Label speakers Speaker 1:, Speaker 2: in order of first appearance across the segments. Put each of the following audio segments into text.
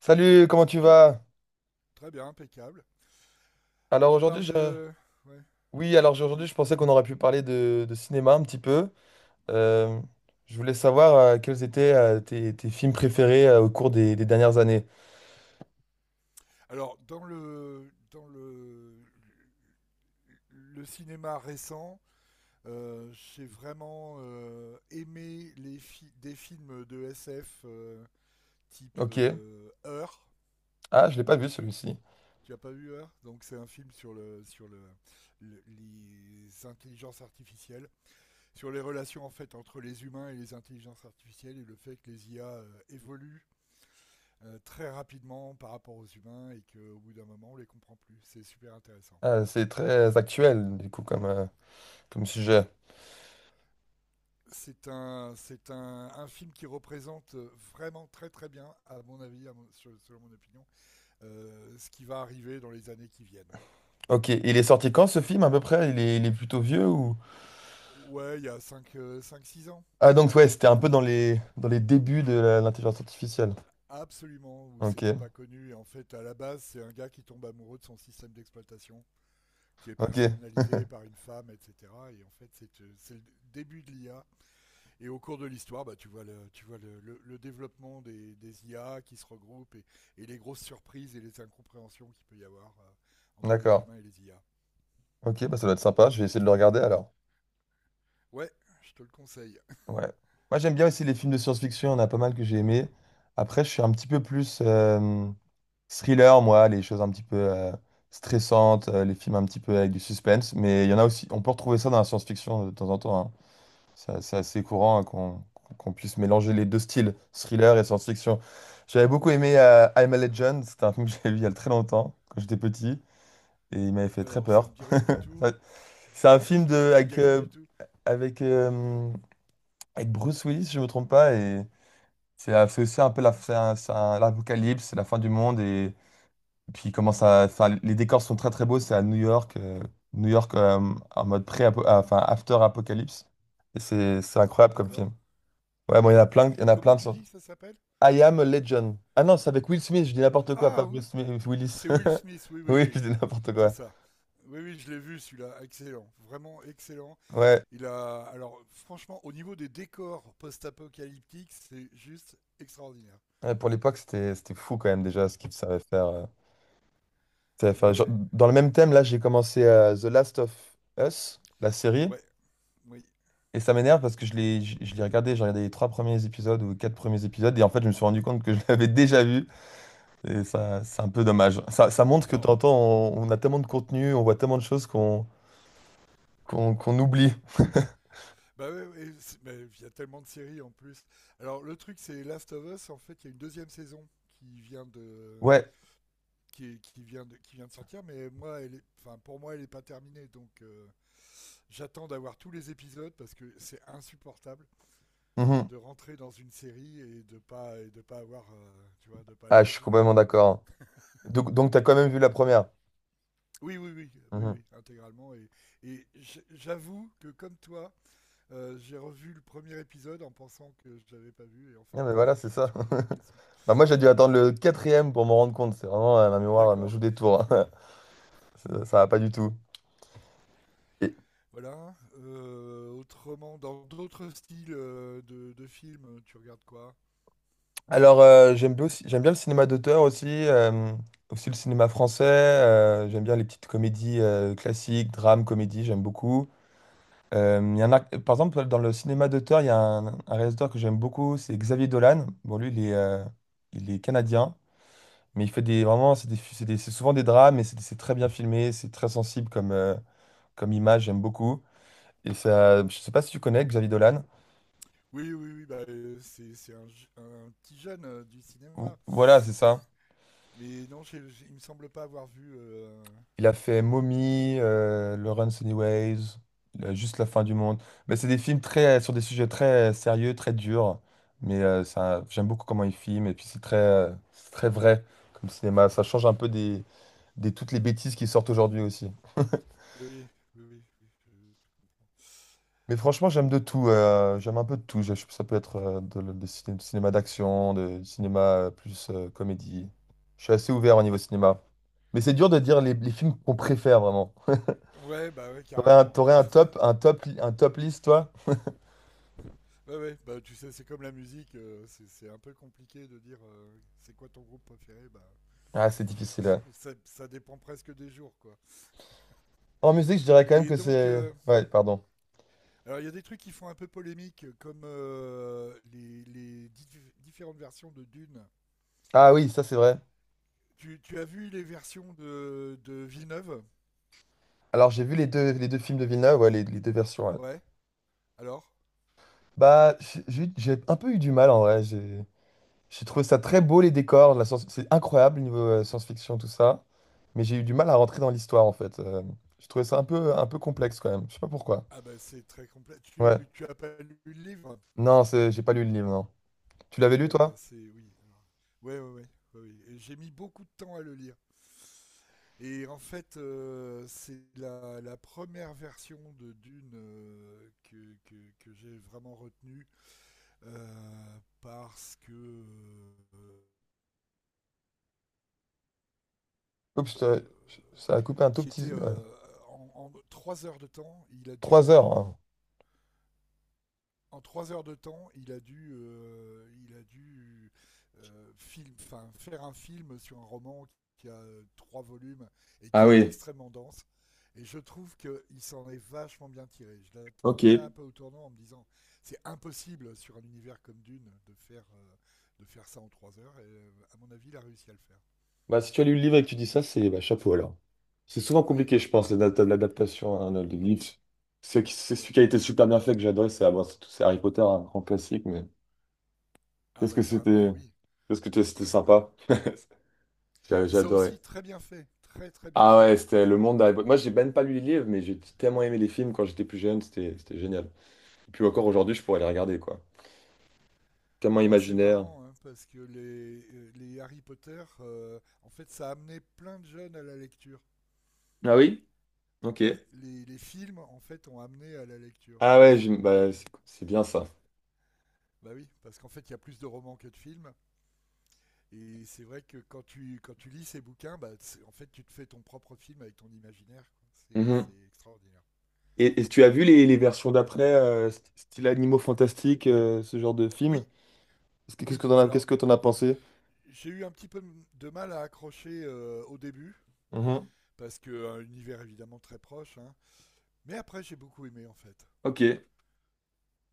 Speaker 1: Salut, comment tu
Speaker 2: Bonjour.
Speaker 1: vas?
Speaker 2: Très bien, impeccable.
Speaker 1: Alors
Speaker 2: On
Speaker 1: aujourd'hui,
Speaker 2: parle de. Ouais,
Speaker 1: Oui, alors aujourd'hui,
Speaker 2: vas-y,
Speaker 1: je pensais qu'on aurait pu parler de cinéma un petit peu. Euh,
Speaker 2: impeccable.
Speaker 1: je voulais savoir quels étaient tes films préférés au cours des dernières années.
Speaker 2: Alors, dans le cinéma récent, j'ai vraiment aimé des films de SF, type
Speaker 1: Ok.
Speaker 2: Heure.
Speaker 1: Ah, je l'ai pas vu celui-ci.
Speaker 2: Tu n'as pas vu Heure? Donc c'est un film sur les intelligences artificielles, sur les relations en fait entre les humains et les intelligences artificielles et le fait que les IA évoluent très rapidement par rapport aux humains et qu'au bout d'un moment, on les comprend plus. C'est super intéressant.
Speaker 1: Ah, c'est très actuel, du coup, comme sujet.
Speaker 2: C'est un film qui représente vraiment très très bien, à mon avis, selon mon opinion, ce qui va arriver dans les années qui viennent.
Speaker 1: Ok. Il est sorti quand ce film, à peu près? Il est plutôt vieux
Speaker 2: Oh,
Speaker 1: ou.
Speaker 2: ouais, il y a cinq, six ans.
Speaker 1: Ah, donc ouais, c'était un peu dans les débuts de l'intelligence artificielle.
Speaker 2: Absolument, où c'était
Speaker 1: Ok.
Speaker 2: pas connu. Et en fait, à la base, c'est un gars qui tombe amoureux de son système d'exploitation, qui est
Speaker 1: Ok.
Speaker 2: personnalisé par une femme, etc. Et en fait, c'est le début de l'IA. Et au cours de l'histoire, bah, tu vois, le développement des IA qui se regroupent et les grosses surprises et les incompréhensions qu'il peut y avoir, entre les
Speaker 1: D'accord.
Speaker 2: humains et les IA.
Speaker 1: Ok, bah ça doit être sympa. Je vais essayer de le regarder alors.
Speaker 2: Ouais, je te le conseille.
Speaker 1: Ouais. Moi, j'aime bien aussi les films de science-fiction, il y en a pas mal que j'ai aimé. Après, je suis un petit peu plus thriller, moi, les choses un petit peu stressantes, les films un petit peu avec du suspense. Mais il y en a aussi, on peut retrouver ça dans la science-fiction de temps en temps, hein. C'est assez courant, hein, qu'on puisse mélanger les deux styles, thriller et science-fiction. J'avais beaucoup aimé I'm a Legend, c'était un film que j'avais vu il y a très longtemps, quand j'étais petit, et il m'avait fait très
Speaker 2: Alors, ça
Speaker 1: peur.
Speaker 2: me dit rien du tout.
Speaker 1: Enfin, c'est un film
Speaker 2: Ça me dit rien du tout.
Speaker 1: avec, euh, avec Bruce Willis, si je me trompe pas, et. C'est aussi un peu la, c'est un- l'apocalypse, c'est la fin du monde. Et puis, comment ça, enfin, les décors sont très très beaux. C'est à New York, en mode pré enfin, after-apocalypse. Et c'est incroyable comme
Speaker 2: D'accord.
Speaker 1: film. Ouais, bon, il y en a plein, il y en a
Speaker 2: Comment
Speaker 1: plein de
Speaker 2: tu
Speaker 1: sortes.
Speaker 2: dis que ça s'appelle?
Speaker 1: I Am Legend. Ah non, c'est avec Will Smith, je dis n'importe quoi, pas
Speaker 2: Ah oui,
Speaker 1: Bruce Willis.
Speaker 2: c'est Will Smith. Oui, oui,
Speaker 1: Oui, je
Speaker 2: oui.
Speaker 1: dis n'importe
Speaker 2: C'est
Speaker 1: quoi.
Speaker 2: ça. Oui, oui, je l'ai vu celui-là, excellent, vraiment excellent.
Speaker 1: Ouais,
Speaker 2: Alors franchement, au niveau des décors post-apocalyptiques, c'est juste extraordinaire.
Speaker 1: ouais, pour l'époque, c'était fou quand même déjà ce qu'il savait faire. Ça savait
Speaker 2: Ouais,
Speaker 1: faire. Genre,
Speaker 2: ouais,
Speaker 1: dans le même thème, là, j'ai commencé The Last of Us, la série.
Speaker 2: ouais, oui.
Speaker 1: Et ça m'énerve parce que je l'ai regardé, j'ai regardé les 3 premiers épisodes ou 4 premiers épisodes et en fait, je me suis rendu compte que je l'avais déjà vu et ça, c'est un peu dommage. Ça montre que de
Speaker 2: Alors,
Speaker 1: temps en temps, on a tellement de contenu, on voit tellement de choses qu'on oublie.
Speaker 2: bah ouais, ouais, mais il y a tellement de séries en plus. Alors, le truc, c'est Last of Us. En fait, il y a une deuxième saison qui vient de,
Speaker 1: Ouais.
Speaker 2: qui, est- qui vient de sortir. Mais moi, elle est, enfin, pour moi, elle est pas terminée. Donc, j'attends d'avoir tous les épisodes parce que c'est insupportable
Speaker 1: Mhm.
Speaker 2: de rentrer dans une série et de pas avoir, tu vois, de pas
Speaker 1: Ah,
Speaker 2: aller
Speaker 1: je
Speaker 2: au
Speaker 1: suis
Speaker 2: bout, quoi.
Speaker 1: complètement d'accord. Donc, tu as quand même vu la première.
Speaker 2: Oui, oui, oui, oui,
Speaker 1: Mhm.
Speaker 2: oui, intégralement. J'avoue que comme toi, j'ai revu le premier épisode en pensant que je l'avais pas vu et en
Speaker 1: Ah,
Speaker 2: fait,
Speaker 1: mais voilà, c'est
Speaker 2: je me
Speaker 1: ça.
Speaker 2: suis rendu compte que si.
Speaker 1: Bah, moi, j'ai dû attendre le quatrième pour m'en rendre compte. C'est vraiment, ma mémoire elle me
Speaker 2: D'accord,
Speaker 1: joue des tours. Ça va pas du tout. Et,
Speaker 2: voilà. Autrement, dans d'autres styles, de films, tu regardes quoi?
Speaker 1: Alors, j'aime bien le cinéma d'auteur aussi, aussi le cinéma français. J'aime bien les petites comédies classiques, drames, comédies, j'aime beaucoup. Il y en a, par exemple, dans le cinéma d'auteur, il y a un réalisateur que j'aime beaucoup, c'est Xavier Dolan. Bon, lui, il est canadien, mais vraiment, c'est souvent des drames, mais c'est très bien filmé, c'est très sensible comme image, j'aime beaucoup. Et ça, je sais pas si tu connais Xavier Dolan.
Speaker 2: Oui, oui, oui, bah, c'est un, un petit jeune, du cinéma.
Speaker 1: Voilà, c'est ça.
Speaker 2: Mais non, il me semble pas avoir vu.
Speaker 1: Il a fait Mommy, Lawrence Anyways, Juste la fin du monde. Mais c'est des films très, sur des sujets très sérieux, très durs. Mais ça, j'aime beaucoup comment il filme. Et puis c'est très vrai comme cinéma. Ça change un peu des toutes les bêtises qui sortent aujourd'hui aussi.
Speaker 2: Oui, oui, oui, oui, je,
Speaker 1: Mais franchement,
Speaker 2: je
Speaker 1: j'aime de
Speaker 2: comprends.
Speaker 1: tout. J'aime un peu de tout. Ça peut être de, le- des ciné- du cinéma d'action, du cinéma plus comédie. Je suis assez ouvert au niveau cinéma. Mais c'est dur de dire les films qu'on préfère vraiment.
Speaker 2: Ouais, bah ouais,
Speaker 1: T'aurais un,
Speaker 2: carrément.
Speaker 1: t'aurais un top list, toi?
Speaker 2: Ouais, ouais, bah tu sais, c'est comme la musique, c'est un peu compliqué de dire, c'est quoi ton groupe préféré, bah.
Speaker 1: Ah, c'est difficile, ouais.
Speaker 2: Ça dépend presque des jours, quoi.
Speaker 1: En musique, je dirais quand même
Speaker 2: Et
Speaker 1: que
Speaker 2: donc,
Speaker 1: c'est. Ouais, pardon.
Speaker 2: alors il y a des trucs qui font un peu polémique, comme, les différentes versions de Dune.
Speaker 1: Ah oui, ça c'est vrai.
Speaker 2: Tu as vu les versions de Villeneuve?
Speaker 1: Alors j'ai vu les deux films de Villeneuve, ouais, les deux versions. Ouais.
Speaker 2: Ouais. Alors.
Speaker 1: Bah, j'ai un peu eu du mal en vrai. J'ai trouvé ça très beau, les décors, la science, c'est incroyable niveau science-fiction, tout ça. Mais j'ai eu du mal à rentrer dans l'histoire en fait. Je trouvais ça un peu complexe quand même. Je sais pas pourquoi.
Speaker 2: Ah ben c'est très complet.
Speaker 1: Ouais.
Speaker 2: Tu as pas lu le livre?
Speaker 1: Non, j'ai pas lu le livre, non. Tu l'avais
Speaker 2: Ah
Speaker 1: lu
Speaker 2: ouais,
Speaker 1: toi?
Speaker 2: ben c'est oui. Alors. Ouais, ouais, ouais, ouais, ouais. Et j'ai mis beaucoup de temps à le lire. Et en fait, c'est la première version de Dune que j'ai vraiment retenue, parce que,
Speaker 1: Oups, ça a coupé un tout
Speaker 2: qui
Speaker 1: petit,
Speaker 2: était,
Speaker 1: ouais.
Speaker 2: en trois heures de temps, il a
Speaker 1: Trois
Speaker 2: dû
Speaker 1: heures, hein.
Speaker 2: en trois heures de temps, il a dû, faire un film sur un roman qui a, trois volumes et
Speaker 1: Ah
Speaker 2: qui est
Speaker 1: oui,
Speaker 2: extrêmement dense. Et je trouve qu'il s'en est vachement bien tiré. Je
Speaker 1: ok.
Speaker 2: l'attendais un peu au tournant en me disant c'est impossible sur un univers comme Dune de faire, de faire ça en trois heures. Et à mon avis, il a réussi à le faire.
Speaker 1: Bah, si tu as lu le livre et que tu dis ça, c'est bah, chapeau alors. C'est souvent
Speaker 2: Oui,
Speaker 1: compliqué, je pense, l'adaptation à un autre livre. C'est celui
Speaker 2: ouais.
Speaker 1: qui a été super bien fait que j'adore, bon, c'est Harry Potter, un grand classique, mais
Speaker 2: Ah
Speaker 1: qu'est-ce
Speaker 2: bah
Speaker 1: que
Speaker 2: carrément,
Speaker 1: c'était
Speaker 2: oui.
Speaker 1: qu'est-ce que t'es- c'était sympa. J'ai
Speaker 2: Et
Speaker 1: j'ai
Speaker 2: ça
Speaker 1: adoré.
Speaker 2: aussi, très bien fait, très très bien
Speaker 1: Ah
Speaker 2: fait.
Speaker 1: ouais, c'était le monde d'Harry Potter. Moi, j'ai même pas lu les livres, mais j'ai tellement aimé les films quand j'étais plus jeune, c'était génial. Et puis encore aujourd'hui, je pourrais les regarder, quoi. Tellement
Speaker 2: Alors c'est
Speaker 1: imaginaire.
Speaker 2: marrant, hein, parce que les Harry Potter, en fait, ça a amené plein de jeunes à la lecture.
Speaker 1: Ah oui? Ok.
Speaker 2: Ouais, les films, en fait, ont amené à la lecture.
Speaker 1: Ah ouais,
Speaker 2: C'est vraiment...
Speaker 1: bah,
Speaker 2: euh,
Speaker 1: c'est bien ça.
Speaker 2: Bah oui, parce qu'en fait, il y a plus de romans que de films. Et c'est vrai que quand tu lis ces bouquins, bah, en fait, tu te fais ton propre film avec ton imaginaire, quoi. C'est extraordinaire.
Speaker 1: Et, tu as vu les versions d'après, style Animaux Fantastiques, ce genre de film?
Speaker 2: Oui,
Speaker 1: Qu'est-ce que qu'est-ce
Speaker 2: oui.
Speaker 1: que t'en as, qu'est-ce
Speaker 2: Alors,
Speaker 1: que t'en as pensé?
Speaker 2: j'ai eu un petit peu de mal à accrocher, au début.
Speaker 1: Mhm.
Speaker 2: Parce que un univers évidemment très proche, hein. Mais après, j'ai beaucoup aimé en fait.
Speaker 1: Ok,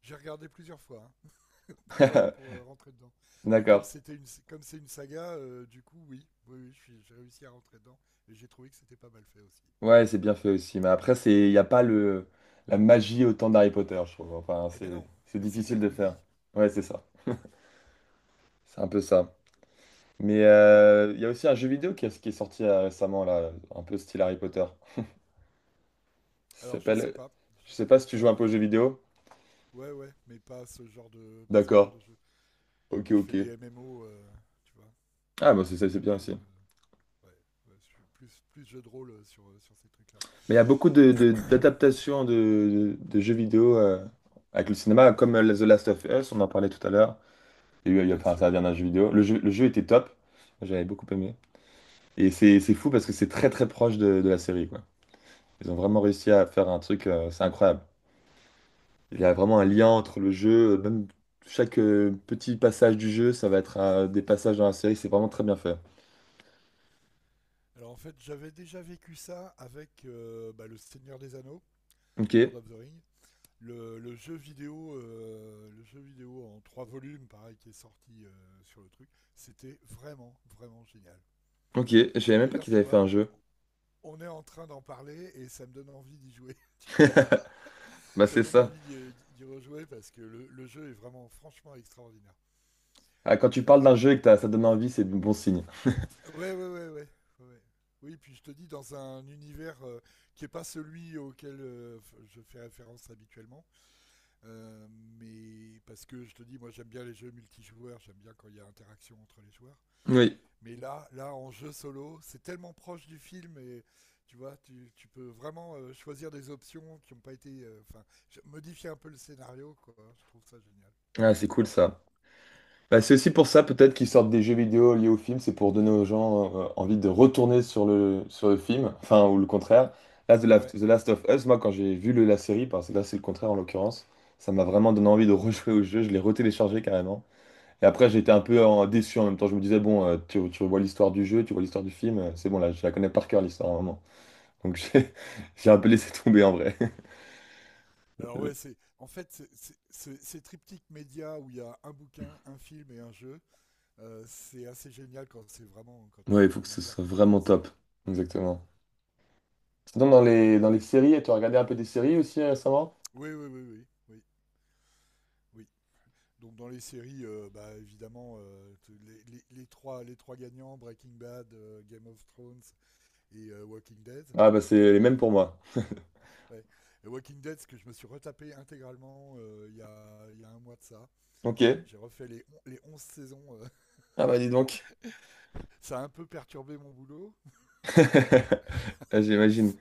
Speaker 2: J'ai regardé plusieurs fois, hein, pour, euh, pour euh, rentrer dedans. Mais
Speaker 1: d'accord.
Speaker 2: comme c'est une saga, du coup, oui, oui, oui, j'ai réussi à rentrer dedans et j'ai trouvé que c'était pas mal fait aussi.
Speaker 1: Ouais, c'est bien fait aussi. Mais après, il n'y a pas la magie autant d'Harry Potter, je trouve. Enfin,
Speaker 2: Eh ben
Speaker 1: c'est,
Speaker 2: non,
Speaker 1: c'est
Speaker 2: mais c'est de la
Speaker 1: difficile de faire.
Speaker 2: comédie.
Speaker 1: Ouais, c'est ça. C'est un peu ça. Mais il y a aussi un jeu vidéo qui est sorti récemment, là, un peu style Harry Potter. Ça
Speaker 2: Alors je sais
Speaker 1: s'appelle.
Speaker 2: pas,
Speaker 1: Je
Speaker 2: J'ai-
Speaker 1: sais pas si
Speaker 2: j'ai
Speaker 1: tu joues un
Speaker 2: pas,
Speaker 1: peu aux jeux
Speaker 2: j'ai- j'ai-
Speaker 1: vidéo.
Speaker 2: ouais ouais, mais pas ce genre
Speaker 1: D'accord.
Speaker 2: de jeu.
Speaker 1: Ok,
Speaker 2: Moi, je fais
Speaker 1: ok.
Speaker 2: des MMO, tu vois.
Speaker 1: Ah, bah c'est
Speaker 2: Je
Speaker 1: bien aussi.
Speaker 2: joue, euh, Ouais, ouais, je suis plus jeu de rôle, sur ces trucs-là.
Speaker 1: Mais il y a beaucoup d'adaptations de jeux vidéo avec le cinéma, comme The Last of Us, on en parlait tout à l'heure. Il y a eu, il y a-
Speaker 2: Bien
Speaker 1: enfin, c'est la
Speaker 2: sûr.
Speaker 1: dernière jeu vidéo. Le jeu était top, j'avais beaucoup aimé. Et c'est fou parce que c'est très très proche de la série, quoi. Ils ont vraiment réussi à faire un truc, c'est incroyable. Il y a vraiment un lien entre le jeu, même chaque petit passage du jeu, ça va être des passages dans la série, c'est vraiment très bien fait.
Speaker 2: Alors en fait, j'avais déjà vécu ça avec, bah, le Seigneur des Anneaux,
Speaker 1: Ok,
Speaker 2: Lord of the Ring, le jeu vidéo, le jeu vidéo en trois volumes, pareil, qui est sorti sur le truc. C'était vraiment, vraiment génial.
Speaker 1: ok, je savais
Speaker 2: Et
Speaker 1: même pas
Speaker 2: d'ailleurs,
Speaker 1: qu'ils
Speaker 2: tu
Speaker 1: avaient fait
Speaker 2: vois,
Speaker 1: un jeu.
Speaker 2: on est en train d'en parler et ça me donne envie d'y jouer.
Speaker 1: Bah
Speaker 2: Ça
Speaker 1: c'est
Speaker 2: me donne
Speaker 1: ça.
Speaker 2: envie d'y rejouer parce que le jeu est vraiment, franchement, extraordinaire.
Speaker 1: Ah, quand tu parles d'un
Speaker 2: Euh,
Speaker 1: jeu et que ça donne envie, c'est de bon signe.
Speaker 2: ouais, ouais, ouais, ouais, ouais, ouais. Oui, puis je te dis, dans un univers, qui n'est pas celui auquel, je fais référence habituellement. Euh, mais parce que je te dis, moi j'aime bien les jeux multijoueurs, j'aime bien quand il y a interaction entre les joueurs.
Speaker 1: Oui,
Speaker 2: Mais là en jeu solo, c'est tellement proche du film et tu vois, tu peux vraiment, choisir des options qui n'ont pas été, enfin, modifier un peu le scénario, quoi. Je trouve ça génial.
Speaker 1: ah, c'est cool ça. Bah, c'est aussi pour ça peut-être qu'ils sortent des jeux vidéo liés au film, c'est pour donner aux gens envie de retourner sur le film, enfin ou le contraire. Là,
Speaker 2: Ouais.
Speaker 1: The Last of Us, moi quand j'ai vu la série, parce que là c'est le contraire en l'occurrence, ça m'a vraiment donné envie de rejouer au jeu, je l'ai retéléchargé carrément. Et après j'étais un peu déçu en même temps, je me disais bon, tu vois l'histoire du jeu, tu vois l'histoire du film, c'est bon là, je la connais par cœur l'histoire vraiment. Donc j'ai un peu laissé tomber en vrai.
Speaker 2: Alors ouais, c'est en fait c'est- ces triptyques médias où il y a un bouquin, un film et un jeu, c'est assez génial quand c'est vraiment quand t'es
Speaker 1: Ouais, il
Speaker 2: dans
Speaker 1: faut que
Speaker 2: un
Speaker 1: ce
Speaker 2: univers
Speaker 1: soit
Speaker 2: que
Speaker 1: vraiment
Speaker 2: t'apprécies.
Speaker 1: top. Exactement. Sinon, dans les séries, tu as regardé un peu des séries aussi récemment?
Speaker 2: Oui, oui, oui, oui, oui, oui. Donc dans les séries, bah, évidemment, les trois gagnants, Breaking Bad, Game of Thrones et, Walking Dead.
Speaker 1: Ah bah c'est les mêmes pour moi.
Speaker 2: Ouais. Et Walking Dead, ce que je me suis retapé intégralement, il y a un mois de ça.
Speaker 1: Ok.
Speaker 2: J'ai refait les 11 saisons.
Speaker 1: Ah bah dis donc.
Speaker 2: Ça a un peu perturbé mon boulot,
Speaker 1: Ah, j'imagine.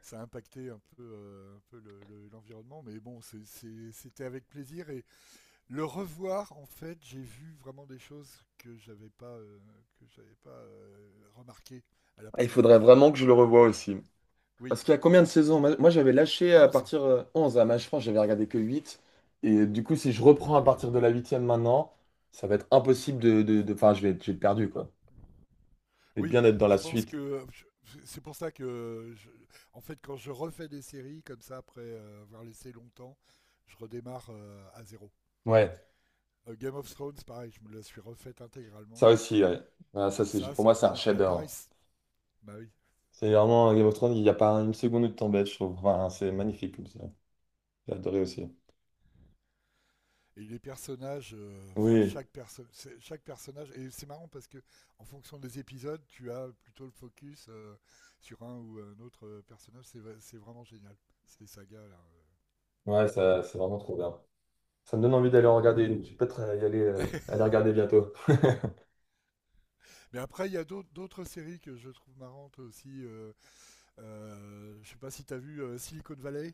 Speaker 2: ça a impacté un peu l'environnement, mais bon, c'était avec plaisir. Et le revoir, en fait, j'ai vu vraiment des choses que j'avais pas remarquées à la
Speaker 1: Ah, il
Speaker 2: première
Speaker 1: faudrait
Speaker 2: vision.
Speaker 1: vraiment que je le revoie aussi.
Speaker 2: Oui,
Speaker 1: Parce qu'il y a combien de saisons? Moi, j'avais lâché à
Speaker 2: 11.
Speaker 1: partir 11 à Match France, j'avais regardé que huit. Et du coup, si je reprends à partir de la 8e maintenant, ça va être impossible Enfin, je vais être perdu quoi. Je vais
Speaker 2: Oui,
Speaker 1: bien être dans
Speaker 2: je
Speaker 1: la
Speaker 2: pense
Speaker 1: suite.
Speaker 2: que c'est pour ça que, en fait, quand je refais des séries comme ça, après, avoir laissé longtemps, je redémarre, à zéro.
Speaker 1: Ouais,
Speaker 2: Game of Thrones, pareil, je me la suis refaite
Speaker 1: ça
Speaker 2: intégralement.
Speaker 1: aussi, ouais. Ah, ça,
Speaker 2: Et
Speaker 1: c'est,
Speaker 2: ça,
Speaker 1: pour
Speaker 2: c'est
Speaker 1: moi,
Speaker 2: un
Speaker 1: c'est un
Speaker 2: bonheur. Bah, pareil,
Speaker 1: chef-d'œuvre.
Speaker 2: bah oui.
Speaker 1: C'est vraiment Game of Thrones, il n'y a pas une seconde de temps bête, je trouve. Enfin, c'est magnifique. J'ai adoré aussi.
Speaker 2: Et les personnages, enfin,
Speaker 1: Oui,
Speaker 2: chaque personnage, et c'est marrant parce que en fonction des épisodes, tu as plutôt le focus, sur un ou un autre, personnage. C'est vraiment génial, ces sagas-là.
Speaker 1: ouais, ça, c'est vraiment trop bien. Ça me donne envie d'aller en regarder une. Je vais peut-être aller regarder bientôt.
Speaker 2: Mais après, il y a d'autres séries que je trouve marrantes aussi. Je sais pas si t'as vu, Silicon Valley.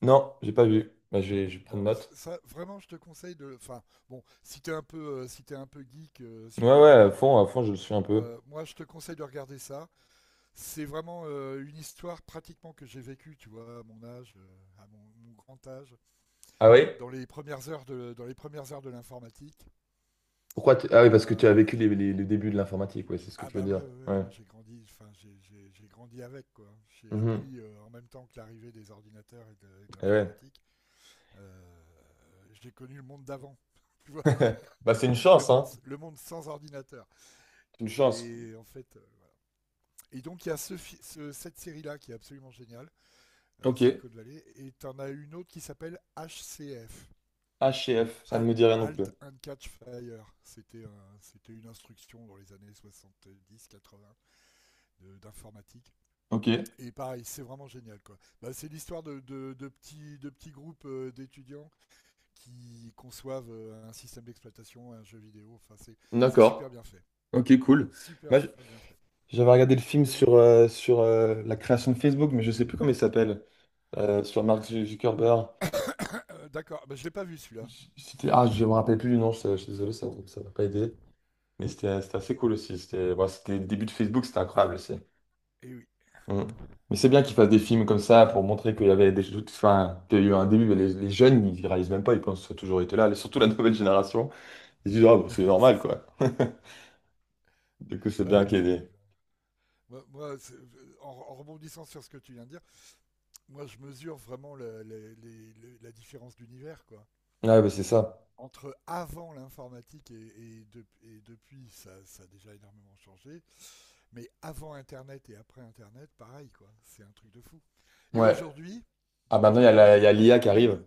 Speaker 1: Non, j'ai pas vu. Bah, je vais prendre
Speaker 2: Alors
Speaker 1: note.
Speaker 2: ça, vraiment, je te conseille de. Enfin, bon, si t'es un peu, si t'es un peu geek,
Speaker 1: Ouais,
Speaker 2: sur les
Speaker 1: ouais,
Speaker 2: bords,
Speaker 1: à fond, je le suis un peu.
Speaker 2: moi, je te conseille de regarder ça. C'est vraiment une histoire pratiquement que j'ai vécue, tu vois, à mon âge, à mon grand âge,
Speaker 1: Ah oui?
Speaker 2: dans les premières heures de l'informatique.
Speaker 1: Ah oui,
Speaker 2: Il y
Speaker 1: parce que
Speaker 2: a.
Speaker 1: tu as vécu le début de l'informatique, ouais, c'est ce que
Speaker 2: Ah
Speaker 1: tu veux
Speaker 2: bah
Speaker 1: dire.
Speaker 2: ouais, ouais, ouais,
Speaker 1: Ouais.
Speaker 2: moi j'ai grandi, enfin j'ai grandi avec quoi. J'ai
Speaker 1: Mhm.
Speaker 2: appris, en même temps que l'arrivée des ordinateurs et et de
Speaker 1: Eh ouais.
Speaker 2: l'informatique. Euh, j'ai connu le monde d'avant, tu vois,
Speaker 1: Bah, c'est une
Speaker 2: le
Speaker 1: chance,
Speaker 2: monde,
Speaker 1: hein.
Speaker 2: le monde sans ordinateur.
Speaker 1: C'est une chance.
Speaker 2: Et en fait, voilà. Et donc il y a cette série là qui est absolument géniale,
Speaker 1: Ok.
Speaker 2: Silicon Valley, et t'en as une autre qui s'appelle HCF.
Speaker 1: H et F ça ne
Speaker 2: Hal-
Speaker 1: me dit rien non plus.
Speaker 2: Halt and Catch Fire. C'était une instruction dans les années 70-80 d'informatique.
Speaker 1: Ok.
Speaker 2: Et pareil, c'est vraiment génial, quoi. Bah, c'est l'histoire de petits groupes, d'étudiants qui conçoivent, un système d'exploitation, un jeu vidéo. Enfin, c'est, super
Speaker 1: D'accord.
Speaker 2: bien fait.
Speaker 1: Ok,
Speaker 2: Ouais.
Speaker 1: cool.
Speaker 2: Super,
Speaker 1: Moi, j-
Speaker 2: super bien fait.
Speaker 1: J'avais regardé le film
Speaker 2: Vas-y.
Speaker 1: sur, sur la création de Facebook, mais je sais plus comment il s'appelle. Sur Mark Zuckerberg.
Speaker 2: D'accord, bah, je l'ai pas vu celui-là.
Speaker 1: C'était, ah, je me rappelle plus du nom, je suis désolé, ça m'a pas aidé. Mais c'était assez cool aussi. C'était bon, c'était le début de Facebook, c'était incroyable aussi.
Speaker 2: Eh oui,
Speaker 1: Mm. Mais c'est bien qu'ils fassent des films comme ça pour montrer qu'il y avait des doutes, enfin, qu'il y a eu un début, mais les jeunes, ils réalisent même pas, ils pensent que ça a toujours été là. Et surtout la nouvelle génération, ils disent, ah, bah, c'est
Speaker 2: c'est
Speaker 1: normal,
Speaker 2: ça.
Speaker 1: quoi. Du coup, c'est
Speaker 2: Ouais,
Speaker 1: bien
Speaker 2: et
Speaker 1: qu'il y
Speaker 2: puis,
Speaker 1: ait des...
Speaker 2: bah, moi, moi, c'est- en rebondissant sur ce que tu viens de dire, moi, je mesure vraiment la différence d'univers, quoi.
Speaker 1: Ouais, bah, c'est ça.
Speaker 2: Entre avant l'informatique et depuis, ça a déjà énormément changé. Mais avant Internet et après Internet, pareil, quoi. C'est un truc de fou. Et
Speaker 1: Ouais.
Speaker 2: aujourd'hui,
Speaker 1: Ah, maintenant, il
Speaker 2: aujourd'hui,
Speaker 1: y a l'IA qui
Speaker 2: même,
Speaker 1: arrive.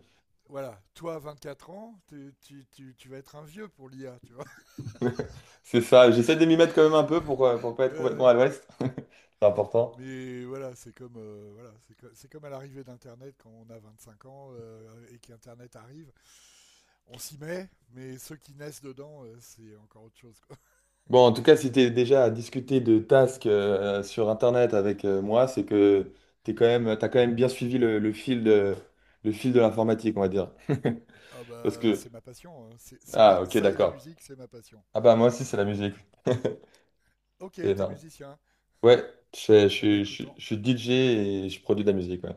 Speaker 2: voilà, toi, 24 ans, tu vas être un vieux pour l'IA, tu vois.
Speaker 1: C'est ça. J'essaie de m'y mettre quand même un peu pour pas
Speaker 2: Ouais,
Speaker 1: être complètement
Speaker 2: ouais.
Speaker 1: à l'ouest. C'est important.
Speaker 2: Mais voilà, c'est comme, voilà, c'est comme à l'arrivée d'Internet quand on a 25 ans et qu'Internet arrive. On s'y met, mais ceux qui naissent dedans, c'est encore autre chose, quoi.
Speaker 1: Bon, en tout cas, si tu es déjà à discuter de tasks sur Internet avec moi, c'est que t'as quand même bien suivi le, le fil de l'informatique, on va dire.
Speaker 2: Ah
Speaker 1: Parce
Speaker 2: bah,
Speaker 1: que...
Speaker 2: c'est ma passion, hein. C'est ma...
Speaker 1: Ah, ok,
Speaker 2: Ça et la
Speaker 1: d'accord.
Speaker 2: musique, c'est ma passion,
Speaker 1: Ah bah moi aussi,
Speaker 2: tu
Speaker 1: c'est
Speaker 2: vois.
Speaker 1: la musique.
Speaker 2: Ok,
Speaker 1: C'est
Speaker 2: t'es
Speaker 1: énorme.
Speaker 2: musicien.
Speaker 1: Ouais, je, fais- je,
Speaker 2: Eh ben
Speaker 1: suis je
Speaker 2: écoute,
Speaker 1: suis-
Speaker 2: en-
Speaker 1: je suis DJ et je produis de la musique, ouais.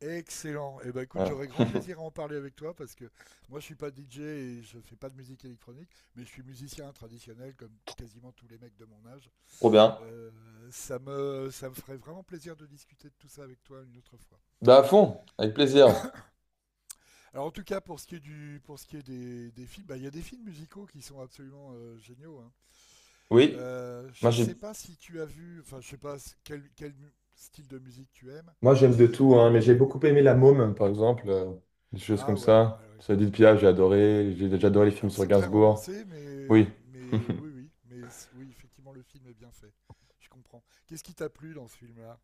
Speaker 2: Excellent. Eh ben écoute, j'aurais
Speaker 1: Ouais.
Speaker 2: grand plaisir à en parler avec toi parce que moi je suis pas DJ et je fais pas de musique électronique, mais je suis musicien traditionnel comme quasiment tous les mecs de mon âge.
Speaker 1: Trop bien.
Speaker 2: Euh, ça me ferait vraiment plaisir de discuter de tout ça avec toi une autre fois.
Speaker 1: Bah à fond, avec plaisir.
Speaker 2: Alors en tout cas pour ce qui est des films, bah, il y a des films musicaux qui sont absolument géniaux, hein.
Speaker 1: Oui, moi
Speaker 2: Je sais
Speaker 1: j'ai
Speaker 2: pas si tu as vu, enfin je sais pas style de musique tu aimes,
Speaker 1: moi, j'aime de tout, hein, mais j'ai
Speaker 2: mais
Speaker 1: beaucoup aimé La Môme, par exemple, des choses comme
Speaker 2: ah ouais,
Speaker 1: ça.
Speaker 2: ah
Speaker 1: Ça dit
Speaker 2: ouais. Ouais.
Speaker 1: Pia, j'ai adoré. J'ai déjà adoré les films
Speaker 2: Alors
Speaker 1: sur
Speaker 2: c'est très
Speaker 1: Gainsbourg.
Speaker 2: romancé,
Speaker 1: Oui,
Speaker 2: mais oui, oui, effectivement, le film est bien fait. Je comprends. Qu'est-ce qui t'a plu dans ce film-là?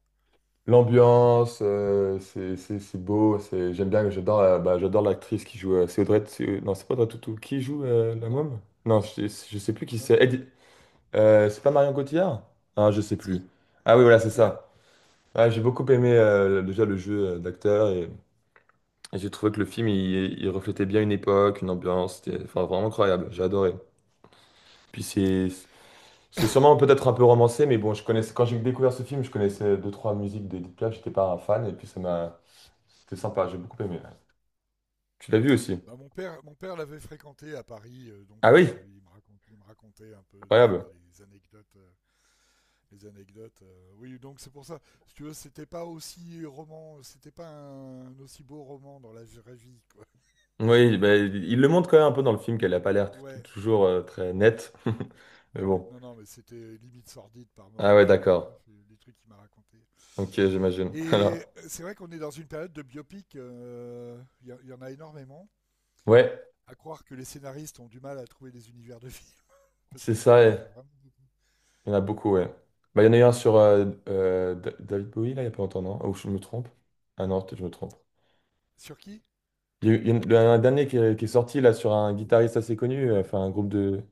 Speaker 1: l'ambiance, c'est beau. J'aime bien, bah, j'adore l'actrice qui joue. C'est Audrey. Non, c'est pas Audrey Tautou. Qui joue La
Speaker 2: Non,
Speaker 1: Môme? Non, je sais plus qui
Speaker 2: non,
Speaker 1: c'est.
Speaker 2: non.
Speaker 1: C'est pas Marion Cotillard? Ah, je sais plus.
Speaker 2: Si,
Speaker 1: Ah oui, voilà, c'est
Speaker 2: c'est elle.
Speaker 1: ça. Ouais, j'ai beaucoup aimé déjà le jeu d'acteur et. Et j'ai trouvé que le film, il reflétait bien une époque, une ambiance, c'était enfin, vraiment incroyable, j'ai adoré. Puis c'est sûrement peut-être un peu romancé, mais bon, je connaissais, quand j'ai découvert ce film, je connaissais deux, trois musiques d'Edith Piaf, j'étais pas un fan, et puis ça m'a... C'était sympa, j'ai beaucoup aimé. Tu l'as vu aussi?
Speaker 2: Bah, mon père l'avait fréquenté à Paris,
Speaker 1: Ah
Speaker 2: donc
Speaker 1: oui,
Speaker 2: il me racontait un peu des
Speaker 1: incroyable.
Speaker 2: fois les anecdotes, oui, donc c'est pour ça. Si tu veux, c'était pas un aussi beau roman dans la vraie vie, quoi.
Speaker 1: Oui, bah, il le montre quand même un peu dans le film qu'elle a pas l'air
Speaker 2: Ouais,
Speaker 1: toujours très nette. Mais
Speaker 2: ouais.
Speaker 1: bon.
Speaker 2: Non, non, mais c'était limite sordide par
Speaker 1: Ah
Speaker 2: moment.
Speaker 1: ouais,
Speaker 2: Enfin, bon,
Speaker 1: d'accord.
Speaker 2: bref, les trucs qu'il m'a racontés.
Speaker 1: Ok, j'imagine.
Speaker 2: Et
Speaker 1: Alors,
Speaker 2: euh, c'est vrai qu'on est dans une période de biopic, en a énormément.
Speaker 1: ouais,
Speaker 2: À croire que les scénaristes ont du mal à trouver des univers de films, parce
Speaker 1: c'est
Speaker 2: que je
Speaker 1: ça.
Speaker 2: trouve qu'il
Speaker 1: Et
Speaker 2: y en a vraiment beaucoup.
Speaker 1: il y en a beaucoup, ouais. Bah, il y en a eu un sur David Bowie, là, il y a pas longtemps, non? Ou je me trompe? Ah non, peut-être que je me trompe.
Speaker 2: Sur qui?
Speaker 1: Il y a eu- il y en- Il y en a un dernier qui est sorti là sur un guitariste assez connu, enfin un groupe de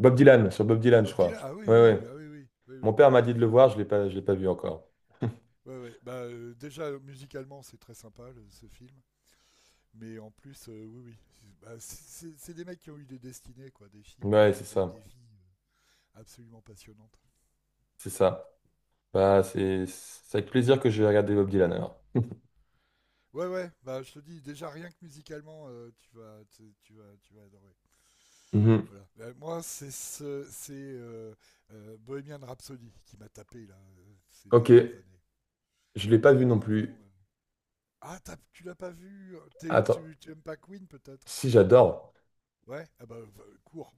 Speaker 1: Bob Dylan, sur Bob Dylan, je
Speaker 2: Bob
Speaker 1: crois.
Speaker 2: Dylan? Ah oui,
Speaker 1: Ouais, ouais.
Speaker 2: oui, ah oui, oui, oui,
Speaker 1: Mon
Speaker 2: oui.
Speaker 1: père m'a dit de le voir, je l'ai pas vu encore.
Speaker 2: Ouais, ouais. Bah, déjà, musicalement, c'est très sympa, ce film. Mais en plus, oui, oui. Bah, c'est des mecs qui ont eu des destinées, quoi, des films,
Speaker 1: Ouais, c'est ça,
Speaker 2: des vies absolument passionnantes.
Speaker 1: c'est ça. Bah, c'est avec plaisir que je vais regarder Bob Dylan alors.
Speaker 2: Ouais, ouais, bah, je te dis, déjà, rien que musicalement, tu vas adorer.
Speaker 1: Mhm.
Speaker 2: Voilà. Ben, moi, c'est Bohemian Rhapsody qui m'a tapé là ces
Speaker 1: Ok,
Speaker 2: dernières années.
Speaker 1: je l'ai pas vu non plus.
Speaker 2: Vraiment, Ah, tu l'as pas vu?
Speaker 1: Attends,
Speaker 2: Tu aimes pas Queen peut-être?
Speaker 1: si j'adore,
Speaker 2: Ouais. Cours,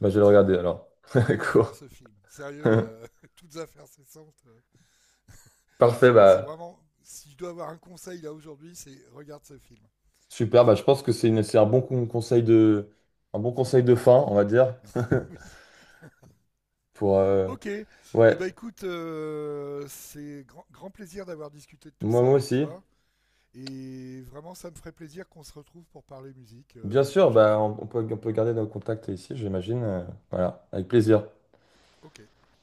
Speaker 1: bah je vais le regarder alors.
Speaker 2: cours
Speaker 1: Cool.
Speaker 2: voir ce film. Sérieux, toutes affaires cessantes.
Speaker 1: Parfait,
Speaker 2: C'est
Speaker 1: bah
Speaker 2: vraiment... Si je dois avoir un conseil là aujourd'hui, c'est regarde ce film.
Speaker 1: super. Bah je pense que c'est une, c'est un bon con- conseil de, un bon conseil de fin, on va dire,
Speaker 2: Oui.
Speaker 1: pour
Speaker 2: Ok.
Speaker 1: ouais.
Speaker 2: Eh ben écoute, c'est grand plaisir d'avoir discuté de tout
Speaker 1: Moi,
Speaker 2: ça
Speaker 1: moi
Speaker 2: avec
Speaker 1: aussi.
Speaker 2: toi. Et vraiment, ça me ferait plaisir qu'on se retrouve pour parler musique
Speaker 1: Bien
Speaker 2: la
Speaker 1: sûr,
Speaker 2: prochaine
Speaker 1: bah,
Speaker 2: fois.
Speaker 1: on peut garder nos contacts ici, j'imagine. Voilà, avec plaisir.
Speaker 2: Ok.